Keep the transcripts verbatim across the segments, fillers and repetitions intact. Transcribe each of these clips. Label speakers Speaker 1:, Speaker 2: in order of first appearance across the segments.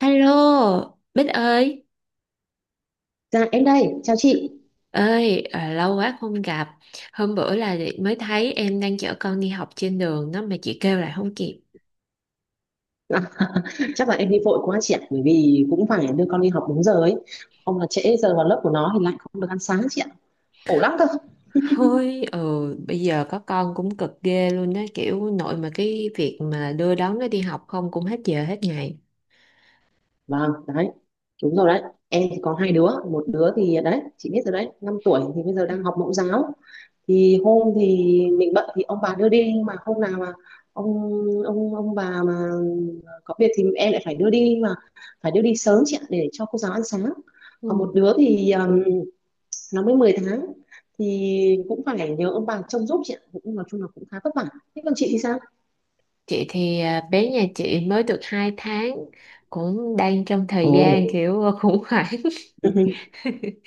Speaker 1: Hello, Bích ơi.
Speaker 2: Dạ em đây, chào chị.
Speaker 1: Ơi, à, lâu quá không gặp. Hôm bữa là mới thấy em đang chở con đi học trên đường đó mà chị kêu lại không kịp.
Speaker 2: À, chắc là em đi vội quá chị ạ, bởi vì cũng phải đưa con đi học đúng giờ ấy. Không là trễ giờ vào lớp của nó thì lại không được ăn sáng chị ạ. Khổ lắm cơ.
Speaker 1: Ôi, ừ, bây giờ có con cũng cực ghê luôn đó, kiểu nội mà cái việc mà đưa đón nó đi học không cũng hết giờ hết ngày.
Speaker 2: Vâng, đấy. Đúng rồi đấy. Em thì có hai đứa, một đứa thì đấy, chị biết rồi đấy, năm tuổi thì bây giờ đang học mẫu giáo. Thì hôm thì mình bận thì ông bà đưa đi, nhưng mà hôm nào mà ông ông ông bà mà có việc thì em lại phải đưa đi, mà phải đưa đi sớm chị ạ để cho cô giáo ăn sáng. Còn một
Speaker 1: Ừ.
Speaker 2: đứa thì nó mới mười tháng, thì cũng phải nhờ ông bà trông giúp chị ạ, cũng nói chung là cũng khá vất vả. Thế còn chị thì sao?
Speaker 1: Chị thì à, bé nhà chị mới được hai tháng, cũng đang trong
Speaker 2: Ồ,
Speaker 1: thời gian kiểu khủng hoảng.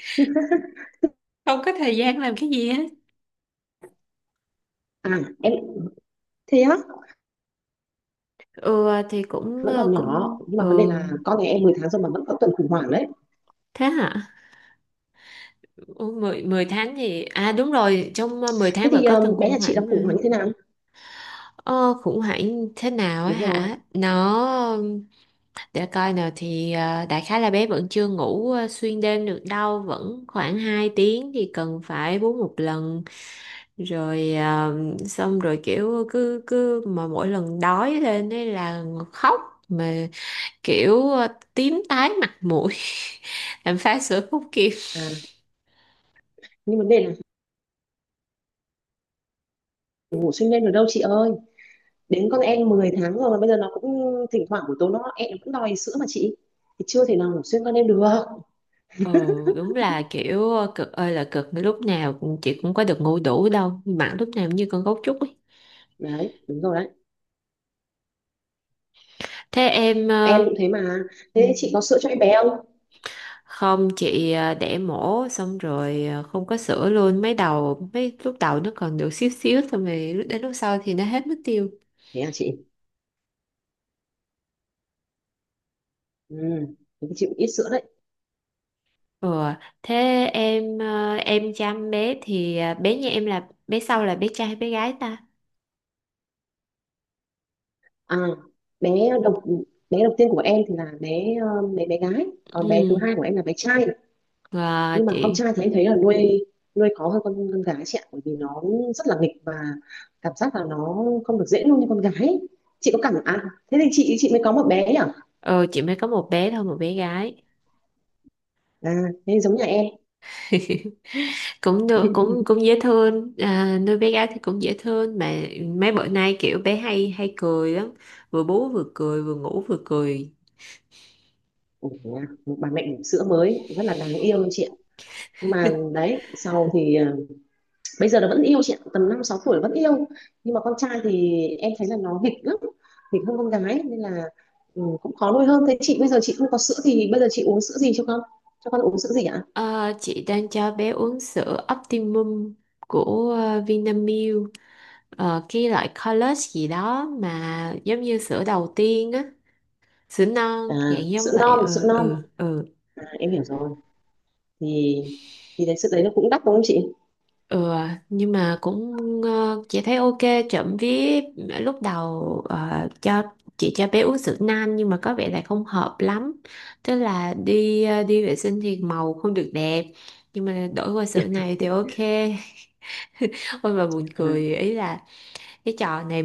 Speaker 1: Không có thời gian làm cái gì hết.
Speaker 2: à em, thế á?
Speaker 1: Ừ thì cũng
Speaker 2: Vẫn
Speaker 1: ờ,
Speaker 2: còn
Speaker 1: cũng
Speaker 2: nhỏ nhưng
Speaker 1: ừ.
Speaker 2: mà vấn đề là con nhà em mười tháng rồi mà vẫn có tuần khủng hoảng đấy.
Speaker 1: Thế hả? Ủa, mười 10 tháng thì... À đúng rồi, trong ờ, mười
Speaker 2: Thế
Speaker 1: tháng vẫn
Speaker 2: thì
Speaker 1: có
Speaker 2: um,
Speaker 1: từng
Speaker 2: bé
Speaker 1: khủng
Speaker 2: nhà chị là
Speaker 1: hoảng
Speaker 2: khủng hoảng
Speaker 1: mà.
Speaker 2: như thế nào?
Speaker 1: Ờ, khủng hoảng thế nào á
Speaker 2: Đúng rồi.
Speaker 1: hả? Nó... Để coi nào thì ờ, đại khái là bé vẫn chưa ngủ ờ, xuyên đêm được đâu. Vẫn khoảng hai tiếng thì cần phải bú một lần. Rồi ờ, xong rồi kiểu cứ... cứ Mà mỗi lần đói lên ấy là khóc. Mà kiểu ờ, tím tái mặt mũi. Làm phá sữa không kịp.
Speaker 2: À, nhưng vấn đề là ngủ xuyên đêm được đâu chị ơi, đến con em mười tháng rồi mà bây giờ nó cũng thỉnh thoảng buổi tối nó em nó cũng đòi sữa mà chị, thì chưa thể nào ngủ xuyên con em được.
Speaker 1: Ừ, đúng là kiểu cực ơi là cực, lúc nào cũng chị cũng có được ngủ đủ đâu bạn, lúc nào cũng như con gấu trúc ấy.
Speaker 2: Đấy, đúng rồi đấy.
Speaker 1: Thế em
Speaker 2: Em
Speaker 1: ờ,
Speaker 2: cũng thế mà.
Speaker 1: ừ,
Speaker 2: Thế chị có sữa cho em bé không?
Speaker 1: không chị ờ, đẻ mổ xong rồi ờ, không có sữa luôn, mấy đầu mấy lúc đầu nó còn được xíu xíu xong rồi lúc- đến lúc sau thì nó hết mất tiêu.
Speaker 2: Thế à chị. Ừ, thì chịu ít sữa đấy.
Speaker 1: Ừ. Thế em ờ, em chăm bé thì ờ, bé nhà em là bé sau, là bé trai hay bé gái ta?
Speaker 2: À, bé đầu bé đầu tiên của em thì là bé, ờ, bé bé gái, còn bé thứ
Speaker 1: Ừ.
Speaker 2: hai của em là bé trai.
Speaker 1: Và
Speaker 2: Nhưng mà con
Speaker 1: chị
Speaker 2: trai thì em thấy là nuôi nuôi khó hơn con con gái chị ạ, bởi vì nó rất là nghịch và cảm giác là nó không được dễ nuôi như con gái. ấy. Chị có cảm à, thế thì chị chị mới có một bé nhỉ?
Speaker 1: ờ chị mới có một bé thôi, một bé gái.
Speaker 2: À, thế giống nhà em.
Speaker 1: Cũng được, cũng cũng dễ thương. À, nuôi bé gái thì cũng dễ thương mà, mấy bữa nay kiểu bé hay hay cười lắm, vừa bú vừa cười, vừa ngủ vừa cười.
Speaker 2: Ủa, à, một bà mẹ bỉm sữa mới rất là đáng yêu luôn chị ạ. Nhưng mà đấy, sau thì ờ, bây giờ nó vẫn yêu chị ạ, tầm năm sáu tuổi vẫn yêu. Nhưng mà con trai thì em thấy là nó nghịch lắm, nghịch hơn con gái nên là ừ, cũng khó nuôi hơn. Thế chị bây giờ chị không có sữa thì bây giờ chị uống sữa gì cho con cho con uống sữa gì ạ?
Speaker 1: Ờ, chị đang cho bé uống sữa Optimum của ờ, Vinamilk. Ờ, cái loại college gì đó mà giống như sữa đầu tiên á, sữa
Speaker 2: À,
Speaker 1: non dạng
Speaker 2: sữa
Speaker 1: giống vậy.
Speaker 2: non, sữa
Speaker 1: Ừ,
Speaker 2: non.
Speaker 1: ừ, ừ.
Speaker 2: À, em hiểu rồi. Thì thì đấy sữa đấy nó cũng đắt đúng không chị?
Speaker 1: Ừ, nhưng mà cũng ờ, chị thấy ok, trộm vía. Ờ, lúc đầu ờ, cho chị cho bé uống sữa nan nhưng mà có vẻ là không hợp lắm, tức là đi ờ, đi vệ sinh thì màu không được đẹp, nhưng mà đổi qua sữa này thì ok. Ôi mà buồn
Speaker 2: À,
Speaker 1: cười ý là cái trò này,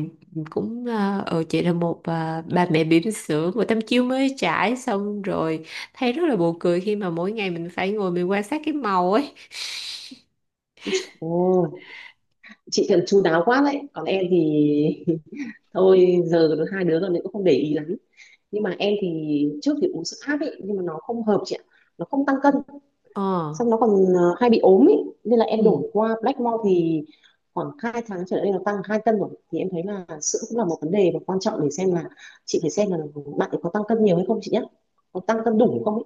Speaker 1: cũng ờ ừ, chị là một ờ, bà mẹ bỉm sữa của Tâm Chiêu mới trải xong rồi, thấy rất là buồn cười khi mà mỗi ngày mình phải ngồi mình quan sát cái màu ấy
Speaker 2: ôi dồi ôi, chị thật chu đáo quá đấy, còn em thì thôi giờ hai đứa rồi nên cũng không để ý lắm. Nhưng mà em thì trước thì uống sữa áp ấy, nhưng mà nó không hợp chị ạ, nó không tăng cân,
Speaker 1: ờ
Speaker 2: xong nó còn ờ, hay bị ốm ý, nên là em
Speaker 1: ừ.
Speaker 2: đổi qua Blackmore thì khoảng hai tháng trở lại đây nó tăng hai cân rồi. Thì em thấy là sữa cũng là một vấn đề và quan trọng để xem là, chị phải xem là bạn ấy có tăng cân nhiều hay không chị nhé, có tăng cân đủ không ấy.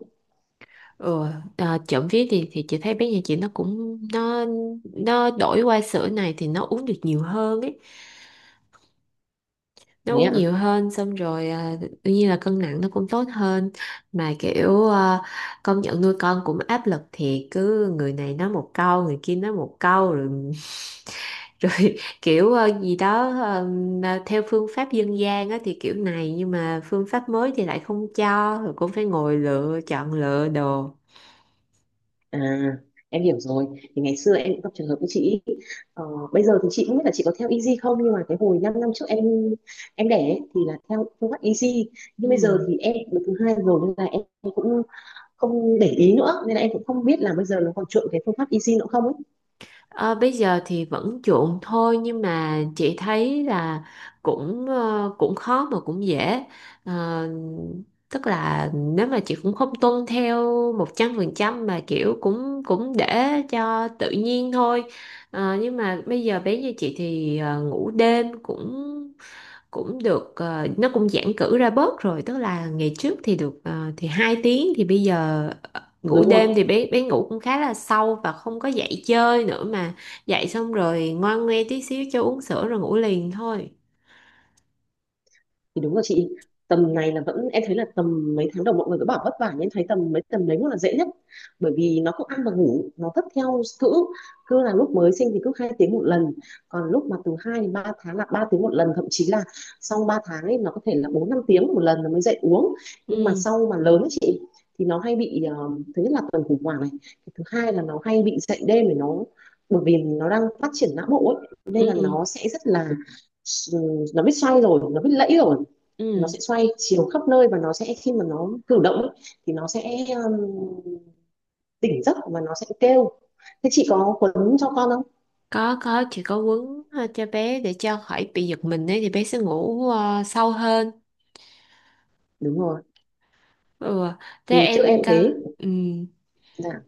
Speaker 1: Ừ, à, trộm vía thì thì chị thấy bé nhà chị, nó cũng nó nó đổi qua sữa này thì nó uống được nhiều hơn ấy, nó
Speaker 2: Thế
Speaker 1: uống
Speaker 2: ạ.
Speaker 1: nhiều hơn. Xong rồi à, tự nhiên là cân nặng nó cũng tốt hơn. Mà kiểu à, công nhận nuôi con cũng áp lực thiệt, cứ người này nói một câu, người kia nói một câu rồi. Rồi kiểu ờ, gì đó, ờ, mà theo phương pháp dân gian á thì kiểu này, nhưng mà phương pháp mới thì lại không cho, rồi cũng phải ngồi lựa chọn lựa đồ.
Speaker 2: À em hiểu rồi, thì ngày xưa em cũng gặp trường hợp với chị ý. ờ, Bây giờ thì chị cũng biết là chị có theo Easy không, nhưng mà cái hồi 5 năm năm trước em em đẻ ấy, thì là theo phương pháp Easy. Nhưng bây giờ
Speaker 1: Ừ.
Speaker 2: thì em được thứ hai rồi nên là em cũng không để ý nữa, nên là em cũng không biết là bây giờ nó còn chuộng cái phương pháp easy nữa không ấy.
Speaker 1: Ờ, Bây giờ thì vẫn chuộng thôi, nhưng mà chị thấy là cũng ờ, cũng khó mà cũng dễ. Ờ, Tức là nếu mà chị cũng không tuân theo một trăm phần trăm mà kiểu cũng cũng để cho tự nhiên thôi. Ờ, nhưng mà bây giờ bé như chị thì ờ, ngủ đêm cũng cũng được ờ, nó cũng giãn cữ ra bớt rồi, tức là ngày trước thì được ờ, thì hai tiếng, thì bây giờ ờ, ngủ
Speaker 2: Đúng
Speaker 1: đêm
Speaker 2: rồi.
Speaker 1: thì bé bé ngủ cũng khá là sâu và không có dậy chơi nữa mà, dậy xong rồi ngoan nghe tí xíu cho uống sữa rồi ngủ liền thôi.
Speaker 2: Thì đúng là chị, tầm này là vẫn em thấy là tầm mấy tháng đầu mọi người cứ bảo vất vả, nhưng em thấy tầm mấy tầm đấy mới là dễ nhất, bởi vì nó cứ ăn và ngủ nó thất theo cữ. Cứ là lúc mới sinh thì cứ hai tiếng một lần, còn lúc mà từ hai đến ba tháng là ba tiếng một lần, thậm chí là sau ba tháng ấy nó có thể là bốn năm tiếng một lần nó mới dậy uống. Nhưng mà
Speaker 1: Ừ,
Speaker 2: sau mà lớn ấy chị, thì nó hay bị ờ, thứ nhất là tuần khủng hoảng này, thứ hai là nó hay bị dậy đêm để nó, bởi vì nó đang phát triển não bộ ấy nên
Speaker 1: ừ,
Speaker 2: là nó sẽ rất là ừ, nó biết xoay rồi nó biết lẫy rồi, nó
Speaker 1: ừ.
Speaker 2: sẽ xoay chiều khắp nơi, và nó sẽ khi mà nó cử động thì nó sẽ um, tỉnh giấc và nó sẽ kêu. Thế chị có quấn cho con không?
Speaker 1: có có chỉ có quấn ờ, cho bé để cho khỏi bị giật mình ấy thì bé sẽ ngủ ờ, sâu hơn.
Speaker 2: Đúng rồi.
Speaker 1: Ừ, thế
Speaker 2: Thì chữ
Speaker 1: em
Speaker 2: em
Speaker 1: cơ.
Speaker 2: thế
Speaker 1: Ừ.
Speaker 2: là,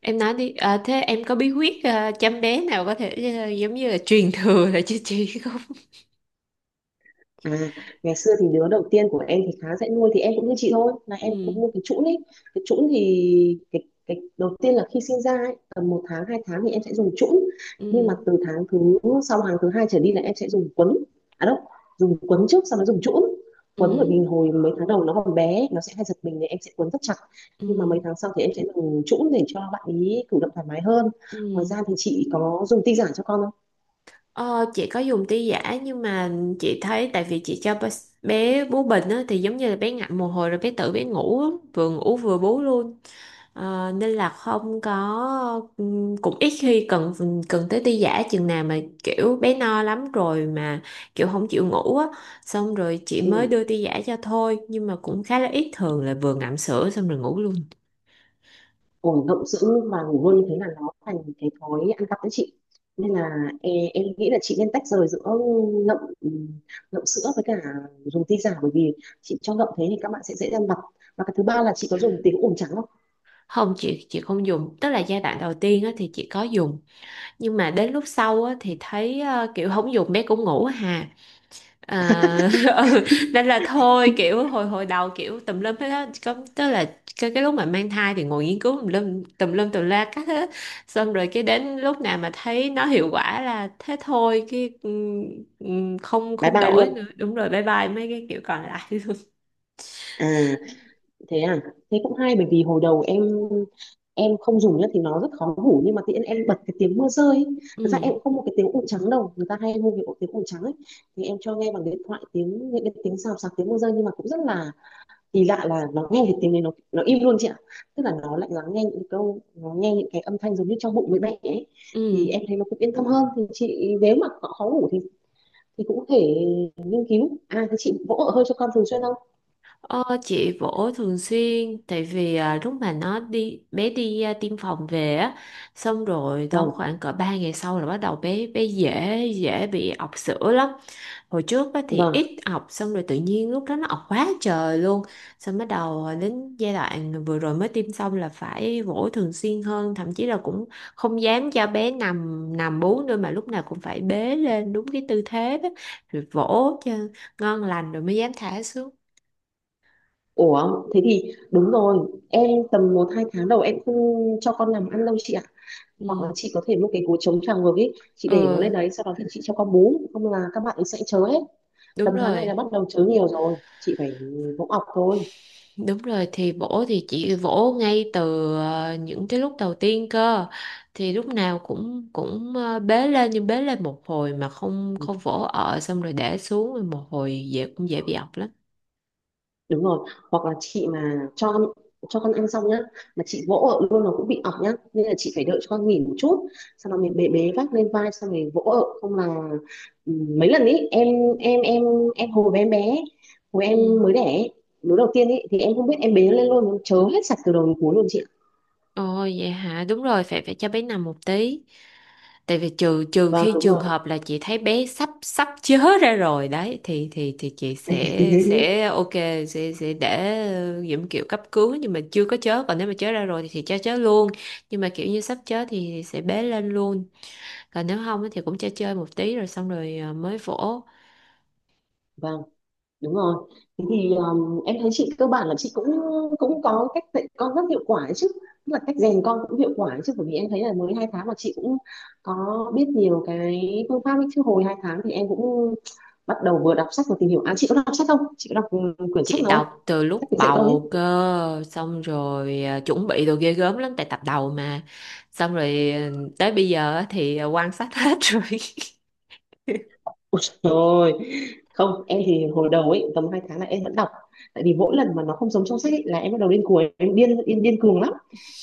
Speaker 1: Em nói đi, à, thế em có bí quyết, à, chăm bé nào có thể, à, giống như là truyền thừa để cho chị không?
Speaker 2: À, ngày xưa thì đứa đầu tiên của em thì khá dễ nuôi, thì em cũng như chị thôi, là em
Speaker 1: Ừ,
Speaker 2: cũng mua cái chũn ấy. Cái chũn thì cái, cái đầu tiên là khi sinh ra ấy, tầm một tháng hai tháng thì em sẽ dùng chũn, nhưng mà
Speaker 1: ừ,
Speaker 2: từ tháng thứ sau hàng thứ hai trở đi là em sẽ dùng quấn. À đâu, dùng quấn trước sau đó dùng chũn quấn, bởi
Speaker 1: ừ,
Speaker 2: vì hồi mấy tháng đầu nó còn bé, nó sẽ hay giật mình thì em sẽ quấn rất chặt. Nhưng mà mấy
Speaker 1: ừ,
Speaker 2: tháng sau thì em sẽ dùng chũn để cho bạn ý cử động thoải mái hơn. Ngoài
Speaker 1: ừ.
Speaker 2: ra thì chị có dùng tinh giản cho con không?
Speaker 1: Ờ, chị có dùng ti giả nhưng mà chị thấy tại vì chị cho bé bé bú bình á, thì giống như là bé ngậm một hồi rồi bé tự bé ngủ á, vừa ngủ vừa bú luôn. Ờ, nên là không có ừ, cũng ít khi cần cần tới ti giả chừng nào mà kiểu bé no lắm rồi mà kiểu không chịu ngủ á, xong rồi chị mới
Speaker 2: Ừ.
Speaker 1: đưa ti giả cho thôi, nhưng mà cũng khá là ít, thường là vừa ngậm sữa xong rồi ngủ luôn.
Speaker 2: Ổn động sữa và ngủ luôn như thế là nó thành cái thói ăn cắp đấy chị, nên là e- em nghĩ là chị nên tách rời giữa ngậm ngậm sữa với cả dùng ti giả, bởi vì chị cho ngậm thế thì các bạn sẽ dễ ăn vặt. Và cái thứ ba là chị có dùng tiếng ồn trắng không?
Speaker 1: Không, chị chị không dùng, tức là giai đoạn đầu tiên á thì chị có dùng, nhưng mà đến lúc sau á thì thấy ờ, kiểu không dùng bé cũng ngủ hà. À, ừ. Nên là thôi kiểu hồi hồi đầu kiểu tùm lum hết á, có tức là cái cái lúc mà mang thai thì ngồi nghiên cứu tùm lum tùm lum tùm la các hết. Xong rồi cái đến lúc nào mà thấy nó hiệu quả là thế thôi. Cái ừm, ừm, không
Speaker 2: Bye
Speaker 1: không
Speaker 2: bye
Speaker 1: đổi
Speaker 2: luôn.
Speaker 1: nữa, đúng rồi, bye bye mấy cái kiểu còn lại luôn.
Speaker 2: À thế à, thế cũng hay, bởi vì hồi đầu em em không dùng nhá thì nó rất khó ngủ, nhưng mà tự nhiên em bật cái tiếng mưa rơi ấy. Thực ra em
Speaker 1: Ừ,
Speaker 2: cũng không một cái tiếng ồn trắng đâu, người ta hay mua cái ổ tiếng ồn trắng ấy, thì em cho nghe bằng điện thoại tiếng, những cái tiếng xào xạc, tiếng mưa rơi, nhưng mà cũng rất là kỳ lạ là nó nghe thì tiếng đấy nó nó im luôn chị ạ. Tức là nó lại lắng nghe những câu, nó nghe những cái âm thanh giống như trong bụng người mẹ ấy, thì
Speaker 1: ừ.
Speaker 2: em thấy nó cũng yên tâm hơn. Thì chị nếu mà họ khó ngủ thì thì cũng có thể nghiên cứu. À thế chị vỗ ở hơi cho con thường xuyên không?
Speaker 1: ờ, chị vỗ thường xuyên, tại vì à, lúc mà nó đi bé đi à, tiêm phòng về á, xong rồi trong
Speaker 2: Vâng,
Speaker 1: khoảng cỡ ba ngày sau là bắt đầu bé bé dễ dễ bị ọc sữa lắm. Hồi trước á, thì
Speaker 2: vâng.
Speaker 1: ít học xong rồi tự nhiên lúc đó nó học quá trời luôn. Xong bắt đầu đến giai đoạn vừa rồi mới tiêm xong là phải vỗ thường xuyên hơn, thậm chí là cũng không dám cho bé nằm nằm bú nữa, mà lúc nào cũng phải bế lên đúng cái tư thế đó, rồi vỗ cho ngon lành rồi mới dám thả xuống.
Speaker 2: Ủa thế thì đúng rồi, em tầm một hai tháng đầu em không cho con làm ăn đâu chị ạ. Hoặc là
Speaker 1: Ừ,
Speaker 2: chị có thể mua cái gối chống tràng ngược ấy, chị để nó lên
Speaker 1: ừ,
Speaker 2: đấy sau đó thì chị cho con bú, không là các bạn ấy sẽ chớ hết. Tầm
Speaker 1: đúng
Speaker 2: tháng này
Speaker 1: rồi.
Speaker 2: là bắt đầu chớ nhiều rồi, chị phải vỗ ọc thôi.
Speaker 1: Đúng rồi, thì vỗ thì chị vỗ ngay từ ờ, những cái lúc đầu tiên cơ, thì lúc nào cũng cũng ờ, bế lên, nhưng bế lên một hồi mà không
Speaker 2: Ừ.
Speaker 1: không vỗ ở xong rồi để xuống rồi một hồi dễ cũng dễ bị ọc lắm.
Speaker 2: Đúng rồi, hoặc là chị mà cho con cho con ăn xong nhá mà chị vỗ ở luôn nó cũng bị ọc nhá, nên là chị phải đợi cho con nghỉ một chút, sau đó mình bế bế vác lên vai xong rồi vỗ ở, không là ừ, mấy lần ý em em em em hồi bé em bé hồi em
Speaker 1: Ừ.
Speaker 2: mới đẻ ấy, đứa đầu tiên ý thì em không biết em bế lên luôn nó chớ hết sạch từ đầu đến cuối luôn chị ạ.
Speaker 1: Ồ vậy hả? Đúng rồi, phải phải cho bé nằm một tí. Tại vì trừ trừ
Speaker 2: Vâng
Speaker 1: khi
Speaker 2: đúng
Speaker 1: trường
Speaker 2: rồi.
Speaker 1: hợp là chị thấy bé sắp sắp chớ ra rồi đấy thì thì thì chị sẽ sẽ ok, sẽ sẽ để những kiểu cấp cứu, nhưng mà chưa có chớ, còn nếu mà chớ ra rồi thì, thì cho chớ luôn, nhưng mà kiểu như sắp chớ thì sẽ bế lên luôn, còn nếu không á thì cũng cho chơi một tí rồi xong rồi à, mới vỗ.
Speaker 2: Vâng, đúng rồi. Thế thì um, em thấy chị cơ bản là chị cũng cũng có cách dạy con rất hiệu quả ấy chứ. Tức là cách rèn con cũng hiệu quả ấy chứ, bởi vì em thấy là mới hai tháng mà chị cũng có biết nhiều cái phương pháp ấy chứ. Hồi hai tháng thì em cũng bắt đầu vừa đọc sách vừa tìm hiểu. À chị có đọc sách không? Chị có đọc ừ, quyển sách
Speaker 1: Chị
Speaker 2: nào không?
Speaker 1: đọc từ
Speaker 2: Sách
Speaker 1: lúc
Speaker 2: để dạy con
Speaker 1: bầu
Speaker 2: ấy.
Speaker 1: cơ, xong rồi à, chuẩn bị đồ ghê gớm lắm tại tập đầu mà, xong rồi à, tới bây giờ á thì à, quan sát hết rồi.
Speaker 2: Ôi trời, không em thì hồi đầu ấy tầm hai tháng là em vẫn đọc. Tại vì mỗi lần mà nó không giống trong sách ấy, là em bắt đầu điên cuồng, em điên điên điên cuồng lắm,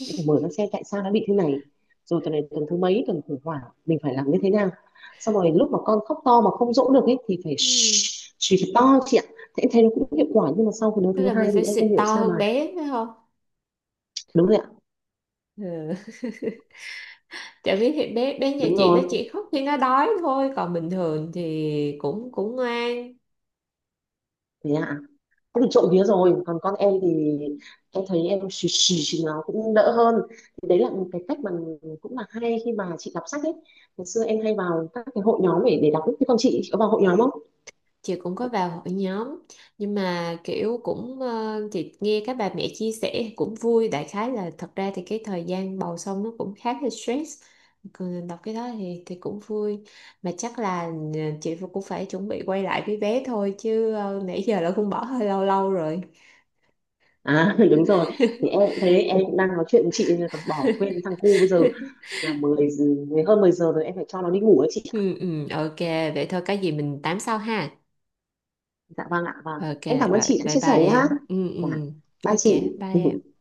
Speaker 2: em phải mở ra xem tại sao nó bị thế này, rồi tuần này tuần thứ mấy, tuần khủng hoảng mình phải làm như thế nào. Xong rồi lúc mà con khóc to mà không dỗ được ấy thì phải
Speaker 1: Ừ.
Speaker 2: chỉ thật to chị ạ, thế em thấy nó cũng hiệu quả. Nhưng mà sau cái đứa
Speaker 1: Thế
Speaker 2: thứ
Speaker 1: là mình
Speaker 2: hai thì
Speaker 1: phải
Speaker 2: em
Speaker 1: xịt
Speaker 2: không hiểu
Speaker 1: to
Speaker 2: sao mà,
Speaker 1: hơn bé phải không?
Speaker 2: đúng rồi ạ.
Speaker 1: Ừ. Tại vì thì bé bé nhà
Speaker 2: Đúng
Speaker 1: chị nó
Speaker 2: rồi.
Speaker 1: chỉ khóc khi nó đói thôi, còn bình thường thì cũng cũng ngoan.
Speaker 2: Thế ạ, cũng trộm vía rồi. Còn con em thì em thấy em xì xì thì nó cũng đỡ hơn, thì đấy là một cái cách mà cũng là hay khi mà chị đọc sách ấy. Ngày xưa em hay vào các cái hội nhóm để để đọc ấy. Thế con chị, chị có vào hội nhóm không?
Speaker 1: Chị cũng có vào hội nhóm, nhưng mà kiểu cũng ờ, chị nghe các bà mẹ chia sẻ cũng vui, đại khái là thật ra thì cái thời gian bầu xong nó cũng khá là stress, còn đọc cái đó thì thì cũng vui. Mà chắc là ờ, chị cũng phải chuẩn bị quay lại với bé thôi chứ, ờ, nãy giờ là cũng bỏ hơi lâu lâu rồi.
Speaker 2: À, đúng rồi, thì em cũng thế, em cũng đang nói chuyện với chị còn bỏ quên thằng cu. Bây giờ là mười giờ- mười- hơn mười giờ rồi, em phải cho nó đi ngủ ấy chị ạ.
Speaker 1: Ừ, ừ, ok, vậy thôi có gì mình tám sau ha.
Speaker 2: Dạ vâng ạ, vâng,
Speaker 1: Ok,
Speaker 2: em cảm ơn
Speaker 1: rồi,
Speaker 2: chị đã
Speaker 1: bye
Speaker 2: chia
Speaker 1: bye
Speaker 2: sẻ nhá.
Speaker 1: em. Ừ,
Speaker 2: Dạ,
Speaker 1: ừ,
Speaker 2: bye
Speaker 1: ok,
Speaker 2: chị.
Speaker 1: bye em.